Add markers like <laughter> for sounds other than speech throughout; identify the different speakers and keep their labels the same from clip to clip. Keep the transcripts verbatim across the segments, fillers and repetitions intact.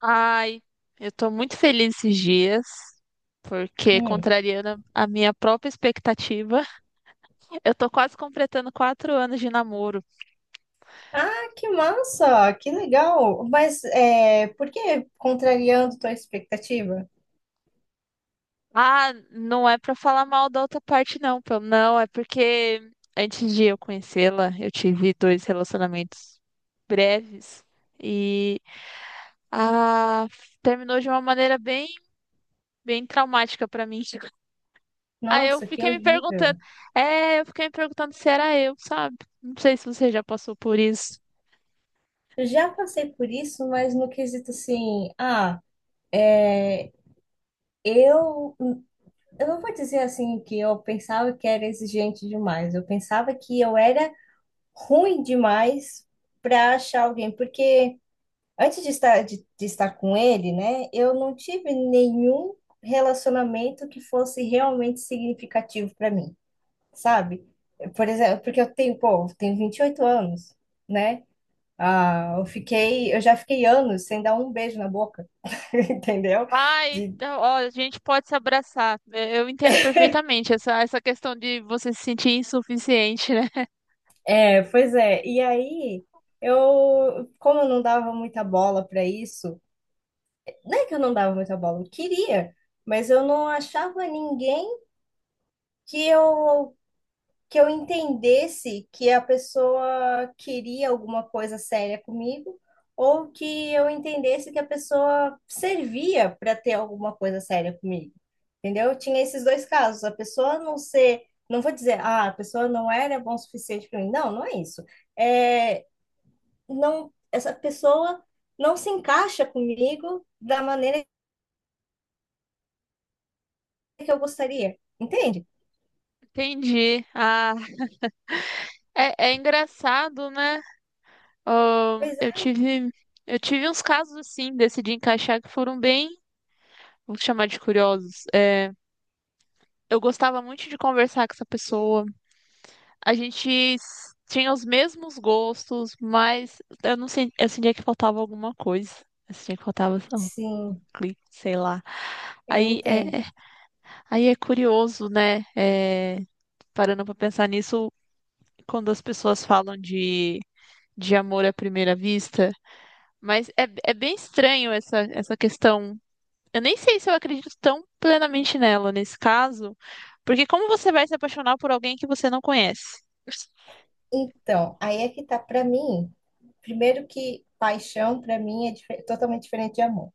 Speaker 1: Ai, eu tô muito feliz esses dias, porque
Speaker 2: Hum.
Speaker 1: contrariando a minha própria expectativa, <laughs> eu tô quase completando quatro anos de namoro.
Speaker 2: Ah, que massa! Que legal! Mas é, por que contrariando tua expectativa?
Speaker 1: Ah, não é pra falar mal da outra parte, não, pelo não, é porque antes de eu conhecê-la, eu tive dois relacionamentos breves e ah, terminou de uma maneira bem, bem traumática pra mim. <laughs> Aí eu
Speaker 2: Nossa, que
Speaker 1: fiquei me
Speaker 2: horrível!
Speaker 1: perguntando, é, eu fiquei me perguntando se era eu, sabe? Não sei se você já passou por isso.
Speaker 2: Eu já passei por isso, mas no quesito assim, ah, é, eu, eu não vou dizer assim que eu pensava que era exigente demais. Eu pensava que eu era ruim demais para achar alguém, porque antes de estar, de, de estar com ele, né, eu não tive nenhum relacionamento que fosse realmente significativo para mim, sabe? Por exemplo, porque eu tenho, pô, eu tenho vinte e oito anos, né? Ah, eu fiquei, eu já fiquei anos sem dar um beijo na boca, <laughs> entendeu?
Speaker 1: Ai,
Speaker 2: De,
Speaker 1: então, ó, a gente pode se abraçar. É, eu entendo perfeitamente essa, essa questão de você se sentir insuficiente, né?
Speaker 2: é, pois é. E aí, eu, como eu não dava muita bola para isso, não é que eu não dava muita bola, eu queria, mas eu não achava ninguém que eu que eu entendesse que a pessoa queria alguma coisa séria comigo, ou que eu entendesse que a pessoa servia para ter alguma coisa séria comigo. Entendeu? Eu tinha esses dois casos. A pessoa não ser, não vou dizer, ah, a pessoa não era bom o suficiente para mim. Não, não é isso. É, não, essa pessoa não se encaixa comigo da maneira que eu gostaria. Entende?
Speaker 1: <laughs> Entendi. Ah, é, é engraçado, né? Ahn,
Speaker 2: Pois
Speaker 1: eu
Speaker 2: é.
Speaker 1: tive, eu tive uns casos assim, decidi encaixar que foram bem, vou chamar de curiosos. É, eu gostava muito de conversar com essa pessoa. A gente s- tinha os mesmos gostos, mas eu não sei, eu sentia que faltava alguma coisa. Eu sentia que faltava um, um
Speaker 2: Sim,
Speaker 1: clique, sei lá.
Speaker 2: eu
Speaker 1: Aí
Speaker 2: entendo.
Speaker 1: é, é- Aí é curioso, né? É, parando pra pensar nisso, quando as pessoas falam de, de amor à primeira vista, mas é, é bem estranho essa, essa questão. Eu nem sei se eu acredito tão plenamente nela nesse caso, porque como você vai se apaixonar por alguém que você não conhece? <laughs>
Speaker 2: Então, aí é que tá para mim. Primeiro que paixão para mim é dife- totalmente diferente de amor.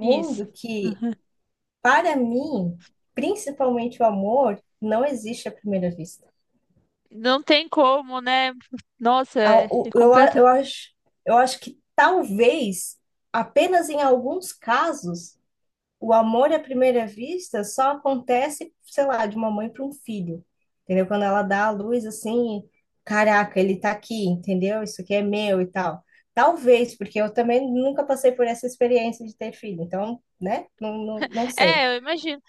Speaker 1: Isso.
Speaker 2: que para mim, principalmente o amor, não existe à primeira vista.
Speaker 1: Não tem como, né? Nossa,
Speaker 2: A-
Speaker 1: é, é
Speaker 2: o- Eu, a-
Speaker 1: completa.
Speaker 2: eu acho, eu acho que talvez apenas em alguns casos o amor à primeira vista só acontece, sei lá, de uma mãe para um filho, entendeu? Quando ela dá a luz assim, caraca, ele tá aqui, entendeu? Isso aqui é meu e tal. Talvez, porque eu também nunca passei por essa experiência de ter filho, então, né? Não, não, não sei.
Speaker 1: É, eu imagino.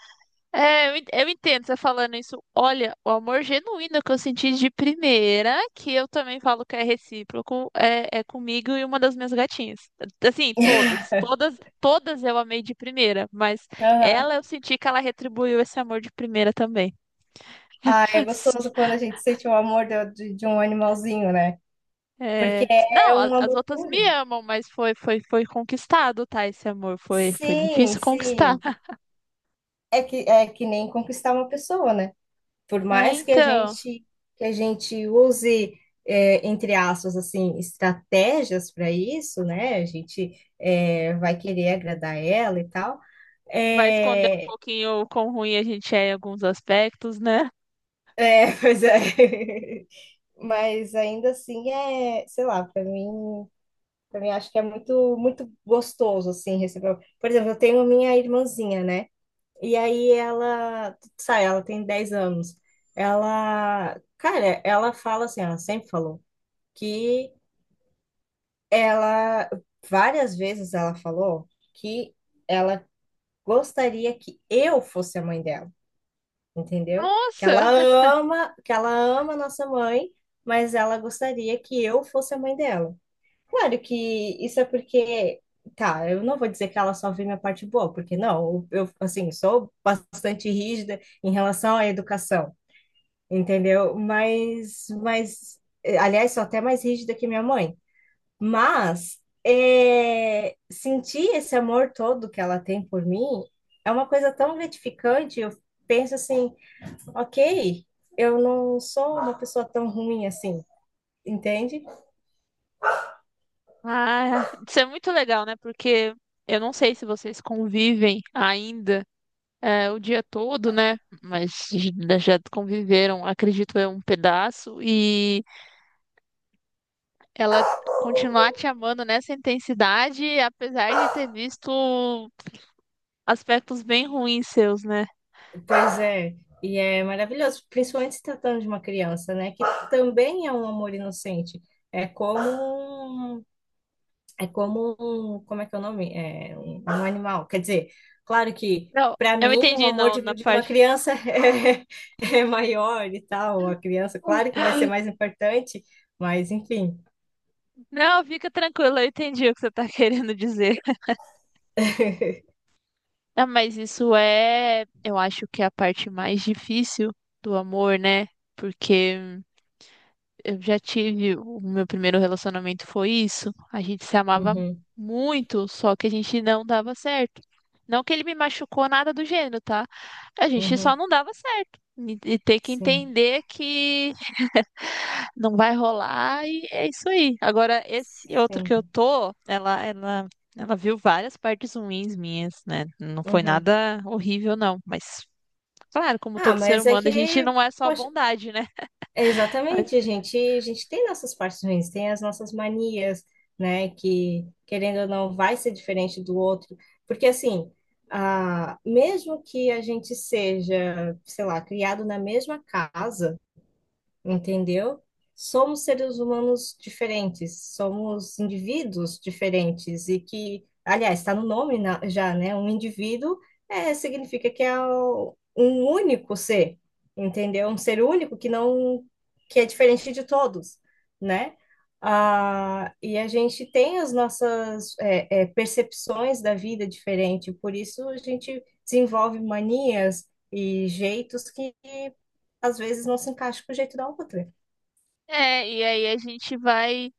Speaker 1: É, eu en- eu entendo você falando isso. Olha, o amor genuíno que eu senti de primeira, que eu também falo que é recíproco, é, é comigo e uma das minhas gatinhas. Assim,
Speaker 2: <laughs>
Speaker 1: todas, todas, todas eu amei de primeira, mas
Speaker 2: Aham.
Speaker 1: ela eu senti que ela retribuiu esse amor de primeira também.
Speaker 2: Ah, é gostoso
Speaker 1: <laughs>
Speaker 2: quando a gente sente o amor de, de- de um animalzinho, né? Porque
Speaker 1: É,
Speaker 2: é
Speaker 1: não, a-
Speaker 2: um
Speaker 1: as
Speaker 2: amor
Speaker 1: outras me
Speaker 2: puro.
Speaker 1: amam, mas foi, foi, foi conquistado, tá? Esse amor foi, foi
Speaker 2: Sim,
Speaker 1: difícil conquistar.
Speaker 2: sim. É que, é que nem conquistar uma pessoa, né? Por
Speaker 1: É,
Speaker 2: mais que a
Speaker 1: então.
Speaker 2: gente que a gente use, é, entre aspas assim, estratégias para isso, né? A gente é, vai querer agradar ela e tal.
Speaker 1: Vai esconder um
Speaker 2: É,
Speaker 1: pouquinho o quão ruim a gente é em alguns aspectos, né?
Speaker 2: é, <laughs> pois é. Mas ainda assim é, sei lá, para mim, para mim acho que é muito muito gostoso assim receber. Por exemplo, eu tenho minha irmãzinha, né? E aí ela, sabe, ela tem dez anos. Ela, cara, ela fala assim, ela sempre falou que ela, várias vezes ela falou que ela gostaria que eu fosse a mãe dela, entendeu? Que
Speaker 1: Nossa!
Speaker 2: ela ama, que ela ama a nossa mãe, mas ela gostaria que eu fosse a mãe dela. Claro que isso é porque, tá, eu não vou dizer que ela só vê minha parte boa, porque não, eu assim, sou bastante rígida em relação à educação, entendeu? Mas mas eh, aliás, sou até mais rígida que minha mãe. Mas é, sentir esse amor todo que ela tem por mim é uma coisa tão gratificante. Eu penso assim, ok, eu não sou uma pessoa tão ruim assim, entende?
Speaker 1: Ah, isso é muito legal, né? Porque eu não sei se vocês convivem ainda é, o dia todo, né? Mas já já conviveram, acredito eu, um pedaço. E ela continuar te amando nessa intensidade, apesar de ter visto aspectos bem ruins seus, né?
Speaker 2: Pois é, e é maravilhoso, principalmente se tratando de uma criança, né? Que também é um amor inocente. É como um É como um, como é que é o nome? É um, um animal. Quer dizer, claro que
Speaker 1: Não,
Speaker 2: para
Speaker 1: eu
Speaker 2: mim o
Speaker 1: entendi,
Speaker 2: amor
Speaker 1: não,
Speaker 2: de,
Speaker 1: na
Speaker 2: de uma
Speaker 1: parte.
Speaker 2: criança <laughs> é é maior e tal. A criança, claro que vai ser
Speaker 1: <laughs>
Speaker 2: mais importante, mas enfim.
Speaker 1: Não, fica tranquilo, eu entendi o que você tá <laughs> querendo dizer.
Speaker 2: <laughs>
Speaker 1: Não, mas isso é, eu acho que é a parte mais difícil do amor, né? Porque eu já tive, o meu primeiro relacionamento foi isso. A gente se amava
Speaker 2: Uhum,
Speaker 1: muito, só que a gente não dava certo. Não que ele me machucou nada do gênero, tá? A gente só
Speaker 2: uhum,
Speaker 1: não dava certo. E e ter que
Speaker 2: sim,
Speaker 1: entender que não vai rolar e é isso aí. Agora, esse outro que eu
Speaker 2: sim.
Speaker 1: tô, ela, ela, ela viu várias partes ruins minhas, né? Não foi
Speaker 2: Uhum.
Speaker 1: nada horrível, não. Mas, claro, como
Speaker 2: Ah,
Speaker 1: todo ser
Speaker 2: mas é
Speaker 1: humano, a gente
Speaker 2: que,
Speaker 1: não é só
Speaker 2: poxa,
Speaker 1: bondade, né? <laughs> Mas-
Speaker 2: exatamente, a gente, a gente tem nossas partes ruins, tem as nossas manias, né, que querendo ou não vai ser diferente do outro, porque assim, ah, mesmo que a gente seja, sei lá, criado na mesma casa, entendeu? Somos seres humanos diferentes, somos indivíduos diferentes e que, aliás, está no nome na- já, né? Um indivíduo é, significa que é o- um único ser, entendeu? Um ser único que não, que é diferente de todos, né? Ah, e a gente tem as nossas é, é, percepções da vida diferente, por isso a gente desenvolve manias e jeitos que às vezes não se encaixa com o jeito da outra.
Speaker 1: é, e aí a gente vai.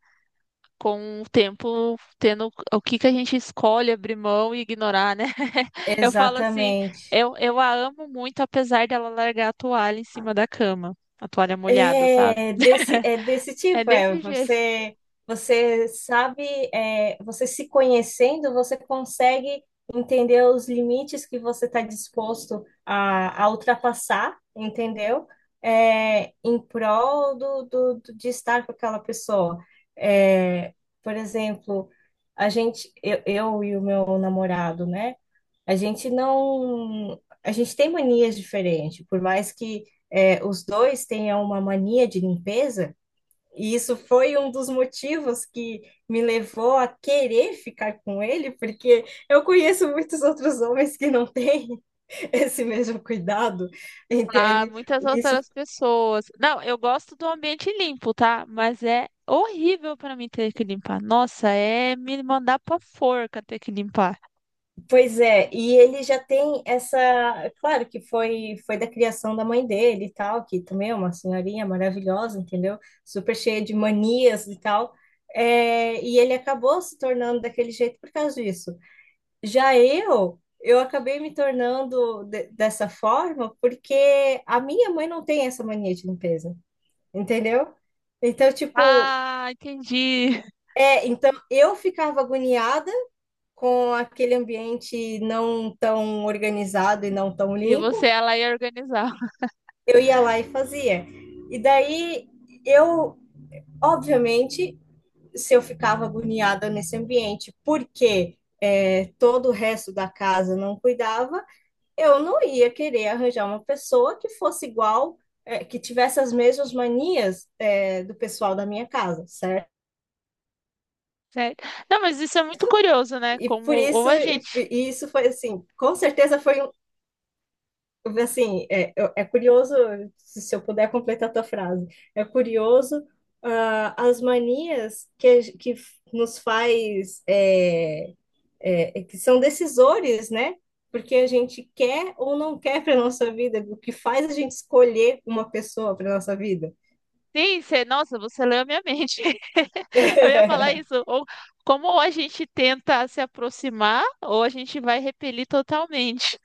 Speaker 1: Com o tempo, tendo o que que a gente escolhe abrir mão e ignorar, né? <laughs> Eu falo assim,
Speaker 2: Exatamente.
Speaker 1: eu, eu a amo muito, apesar dela largar a toalha em cima da cama, a toalha molhada, sabe?
Speaker 2: É desse, é desse
Speaker 1: <laughs> É
Speaker 2: tipo, é.
Speaker 1: desse jeito.
Speaker 2: Você, você sabe, é, você se conhecendo, você consegue entender os limites que você está disposto a, a ultrapassar, entendeu? É, em prol do, do, do- de estar com aquela pessoa. É, por exemplo, a gente, eu, eu e o meu namorado, né? A gente não, a gente tem manias diferentes, por mais que, é, os dois tenham uma mania de limpeza, e isso foi um dos motivos que me levou a querer ficar com ele, porque eu conheço muitos outros homens que não têm <laughs> esse mesmo cuidado,
Speaker 1: A
Speaker 2: entende?
Speaker 1: muitas
Speaker 2: E isso,
Speaker 1: outras pessoas. Não, eu gosto do ambiente limpo, tá? Mas é horrível pra mim ter que limpar. Nossa, é me mandar pra forca ter que limpar.
Speaker 2: pois é, e ele já tem essa, claro que foi foi da criação da mãe dele e tal, que também é uma senhorinha maravilhosa, entendeu? Super cheia de manias e tal. É, e ele acabou se tornando daquele jeito por causa disso. Já eu, eu acabei me tornando de- dessa forma porque a minha mãe não tem essa mania de limpeza, entendeu? Então, tipo,
Speaker 1: Ah, entendi. <laughs>
Speaker 2: é, então eu ficava agoniada com aquele ambiente não tão organizado e não tão
Speaker 1: E você,
Speaker 2: limpo,
Speaker 1: ela ia organizar. <laughs>
Speaker 2: eu ia lá e fazia. E daí eu, obviamente, se eu ficava agoniada nesse ambiente, porque é, todo o resto da casa não cuidava, eu não ia querer arranjar uma pessoa que fosse igual, é, que tivesse as mesmas manias, é, do pessoal da minha casa, certo?
Speaker 1: Certo? Não, mas isso é muito curioso, né?
Speaker 2: E
Speaker 1: Como
Speaker 2: por
Speaker 1: ou
Speaker 2: isso,
Speaker 1: a gente.
Speaker 2: e, e isso foi assim, com certeza foi um... Assim, é, eu- é curioso, se se eu puder completar a tua frase, é curioso, ah, as manias que, a ge- que f- nos faz, é, é, é que são decisores, né? Porque a gente quer ou não quer para nossa vida, o que faz a gente escolher uma pessoa para nossa vida.
Speaker 1: Sim, você, nossa, você leu a minha mente. <laughs> Eu ia falar
Speaker 2: <laughs>
Speaker 1: isso. Ou como ou a gente tenta se aproximar, ou a gente vai repelir totalmente.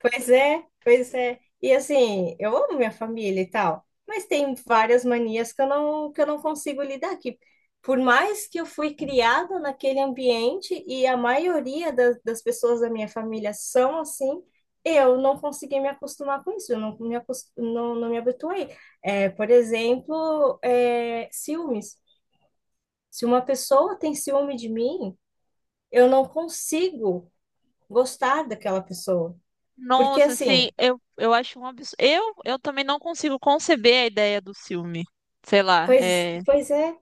Speaker 2: Pois é, pois é. E assim, eu amo minha família e tal, mas tem várias manias que eu não, que eu não consigo lidar aqui. Por mais que eu fui criada naquele ambiente e a maioria das, das pessoas da minha família são assim, eu não consegui me acostumar com isso, eu não me, acos- não, não me habituei. É, por exemplo, é, ciúmes. Se uma pessoa tem ciúme de mim, eu não consigo gostar daquela pessoa. Porque
Speaker 1: Nossa, assim,
Speaker 2: assim.
Speaker 1: eu, eu acho um absurdo. Eu, eu também não consigo conceber a ideia do filme. Sei lá,
Speaker 2: Pois,
Speaker 1: é.
Speaker 2: pois é.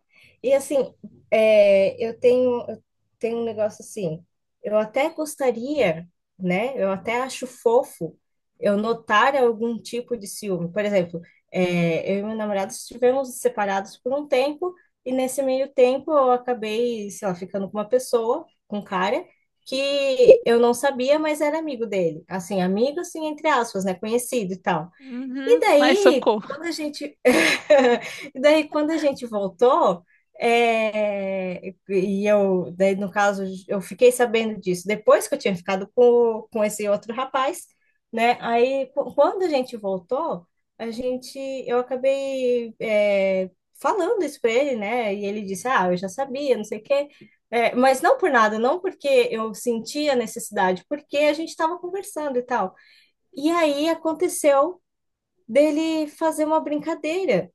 Speaker 2: E assim, é, eu tenho, eu tenho um negócio assim, eu até gostaria, né? Eu até acho fofo eu notar algum tipo de ciúme. Por exemplo, é, eu e meu namorado estivemos separados por um tempo, e nesse meio tempo eu acabei, sei lá, ficando com uma pessoa, com um cara, que eu não sabia, mas era amigo dele. Assim, amigo, assim, entre aspas, né? Conhecido e tal. E
Speaker 1: Uhum, ai,
Speaker 2: daí,
Speaker 1: socorro.
Speaker 2: quando a gente... <laughs> e daí, quando a gente voltou, é, e eu, daí, no caso, eu fiquei sabendo disso depois que eu tinha ficado com, com esse outro rapaz, né? Aí, qu- quando a gente voltou, a gente... eu acabei, é, falando isso para ele, né? E ele disse, ah, eu já sabia, não sei o quê. É, mas não por nada, não porque eu sentia necessidade, porque a gente estava conversando e tal. E aí aconteceu dele fazer uma brincadeira.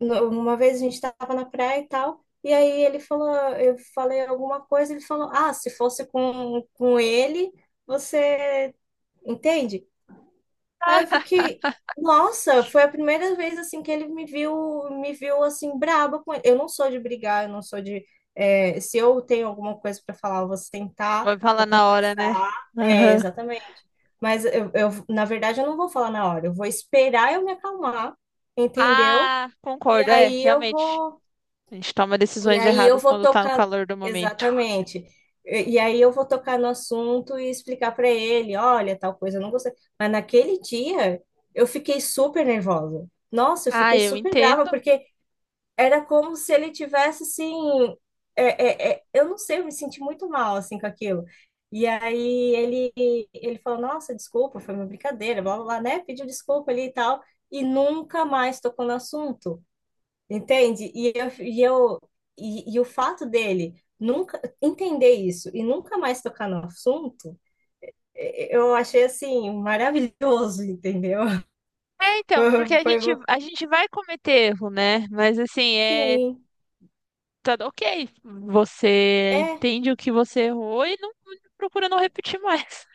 Speaker 2: No- Uma vez a gente estava na praia e tal, e aí ele falou, eu falei alguma coisa, ele falou, ah, se fosse com, com ele, você entende? Aí eu
Speaker 1: <laughs>
Speaker 2: fiquei, nossa, foi a primeira vez assim que ele me viu, me viu assim braba com ele. Eu não sou de brigar, eu não sou de... é, se eu tenho alguma coisa para falar, eu vou sentar,
Speaker 1: Vai falar
Speaker 2: vou
Speaker 1: na hora, né?
Speaker 2: conversar. É,
Speaker 1: Aham.
Speaker 2: exatamente. Mas eu, eu, na verdade, eu não vou falar na hora, eu vou esperar eu me acalmar, entendeu?
Speaker 1: Ah,
Speaker 2: E
Speaker 1: concordo, é,
Speaker 2: aí eu
Speaker 1: realmente.
Speaker 2: vou
Speaker 1: A gente toma
Speaker 2: e
Speaker 1: decisões
Speaker 2: aí eu
Speaker 1: erradas
Speaker 2: vou
Speaker 1: quando tá no
Speaker 2: tocar,
Speaker 1: calor do momento.
Speaker 2: exatamente. E e aí eu vou tocar no assunto e explicar para ele, olha, tal coisa, eu não gostei. Mas naquele dia eu fiquei super nervosa. Nossa, eu
Speaker 1: Ah,
Speaker 2: fiquei
Speaker 1: eu
Speaker 2: super brava
Speaker 1: entendo.
Speaker 2: porque era como se ele tivesse assim, é, é, é, eu não sei, eu me senti muito mal assim com aquilo. E aí ele ele falou, nossa, desculpa, foi uma brincadeira, blá blá, blá, né? Pediu desculpa ali e tal e nunca mais tocou no assunto. Entende? E eu, e eu, e, e o fato dele nunca entender isso e nunca mais tocar no assunto, eh, eu achei assim maravilhoso, entendeu? <laughs>
Speaker 1: É, então, porque
Speaker 2: Foi,
Speaker 1: a
Speaker 2: foi
Speaker 1: gente,
Speaker 2: mo-
Speaker 1: a gente vai cometer erro, né? Mas assim, é.
Speaker 2: sim,
Speaker 1: Tá, ok, você
Speaker 2: é,
Speaker 1: entende o que você errou e não procura não repetir mais.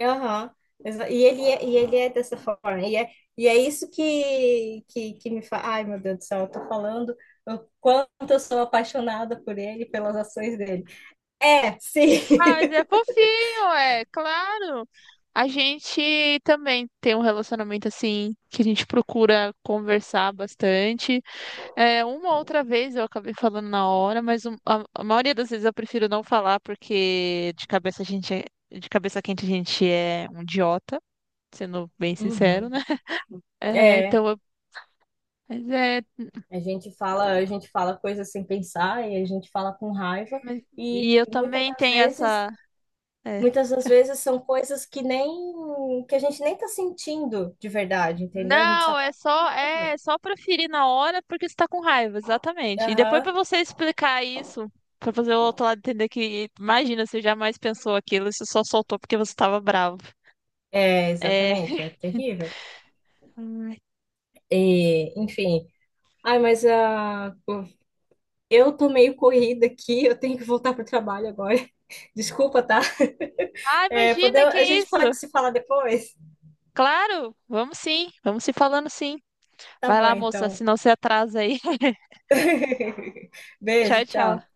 Speaker 2: aham. Exa- E ele é, e ele é dessa forma. E é, e é isso que, que, que me faz... Ai, meu Deus do céu, eu tô falando o quanto eu sou apaixonada por ele, pelas ações dele. É, sim.
Speaker 1: Ah, mas é
Speaker 2: <laughs>
Speaker 1: fofinho, é claro. A gente também tem um relacionamento assim que a gente procura conversar bastante. É, uma outra vez eu acabei falando na hora, mas um- a, a maioria das vezes eu prefiro não falar porque de cabeça a gente é- de cabeça quente a gente é um idiota, sendo bem sincero,
Speaker 2: Uhum.
Speaker 1: né? <laughs> É,
Speaker 2: É.
Speaker 1: então, eu- mas é,
Speaker 2: A gente fala, a gente fala coisas sem pensar e a gente fala com raiva
Speaker 1: mas-
Speaker 2: e
Speaker 1: e eu
Speaker 2: muitas
Speaker 1: também
Speaker 2: das
Speaker 1: tenho
Speaker 2: vezes,
Speaker 1: essa é,
Speaker 2: muitas das vezes são coisas que nem, que a gente nem tá sentindo de verdade, entendeu? A gente só
Speaker 1: não, é
Speaker 2: tá
Speaker 1: só
Speaker 2: com raiva.
Speaker 1: é só para ferir na hora porque você tá com raiva, exatamente. E depois pra
Speaker 2: Aham.
Speaker 1: você explicar isso, pra fazer o outro lado entender que, imagina, você jamais pensou aquilo, você só soltou porque você tava bravo.
Speaker 2: É,
Speaker 1: É.
Speaker 2: exatamente,
Speaker 1: <laughs>
Speaker 2: é terrível.
Speaker 1: Ai,
Speaker 2: E, enfim, ai, mas ah, eu tô meio corrida aqui, eu tenho que voltar pro trabalho agora. <laughs> Desculpa, tá?
Speaker 1: ah,
Speaker 2: É, pode-
Speaker 1: imagina, que
Speaker 2: a gente
Speaker 1: isso?
Speaker 2: pode se falar depois?
Speaker 1: Claro, vamos sim, vamos se falando sim.
Speaker 2: Tá
Speaker 1: Vai
Speaker 2: bom,
Speaker 1: lá, moça,
Speaker 2: então.
Speaker 1: senão você atrasa aí. <laughs>
Speaker 2: <laughs> Beijo,
Speaker 1: Tchau, tchau.
Speaker 2: tchau.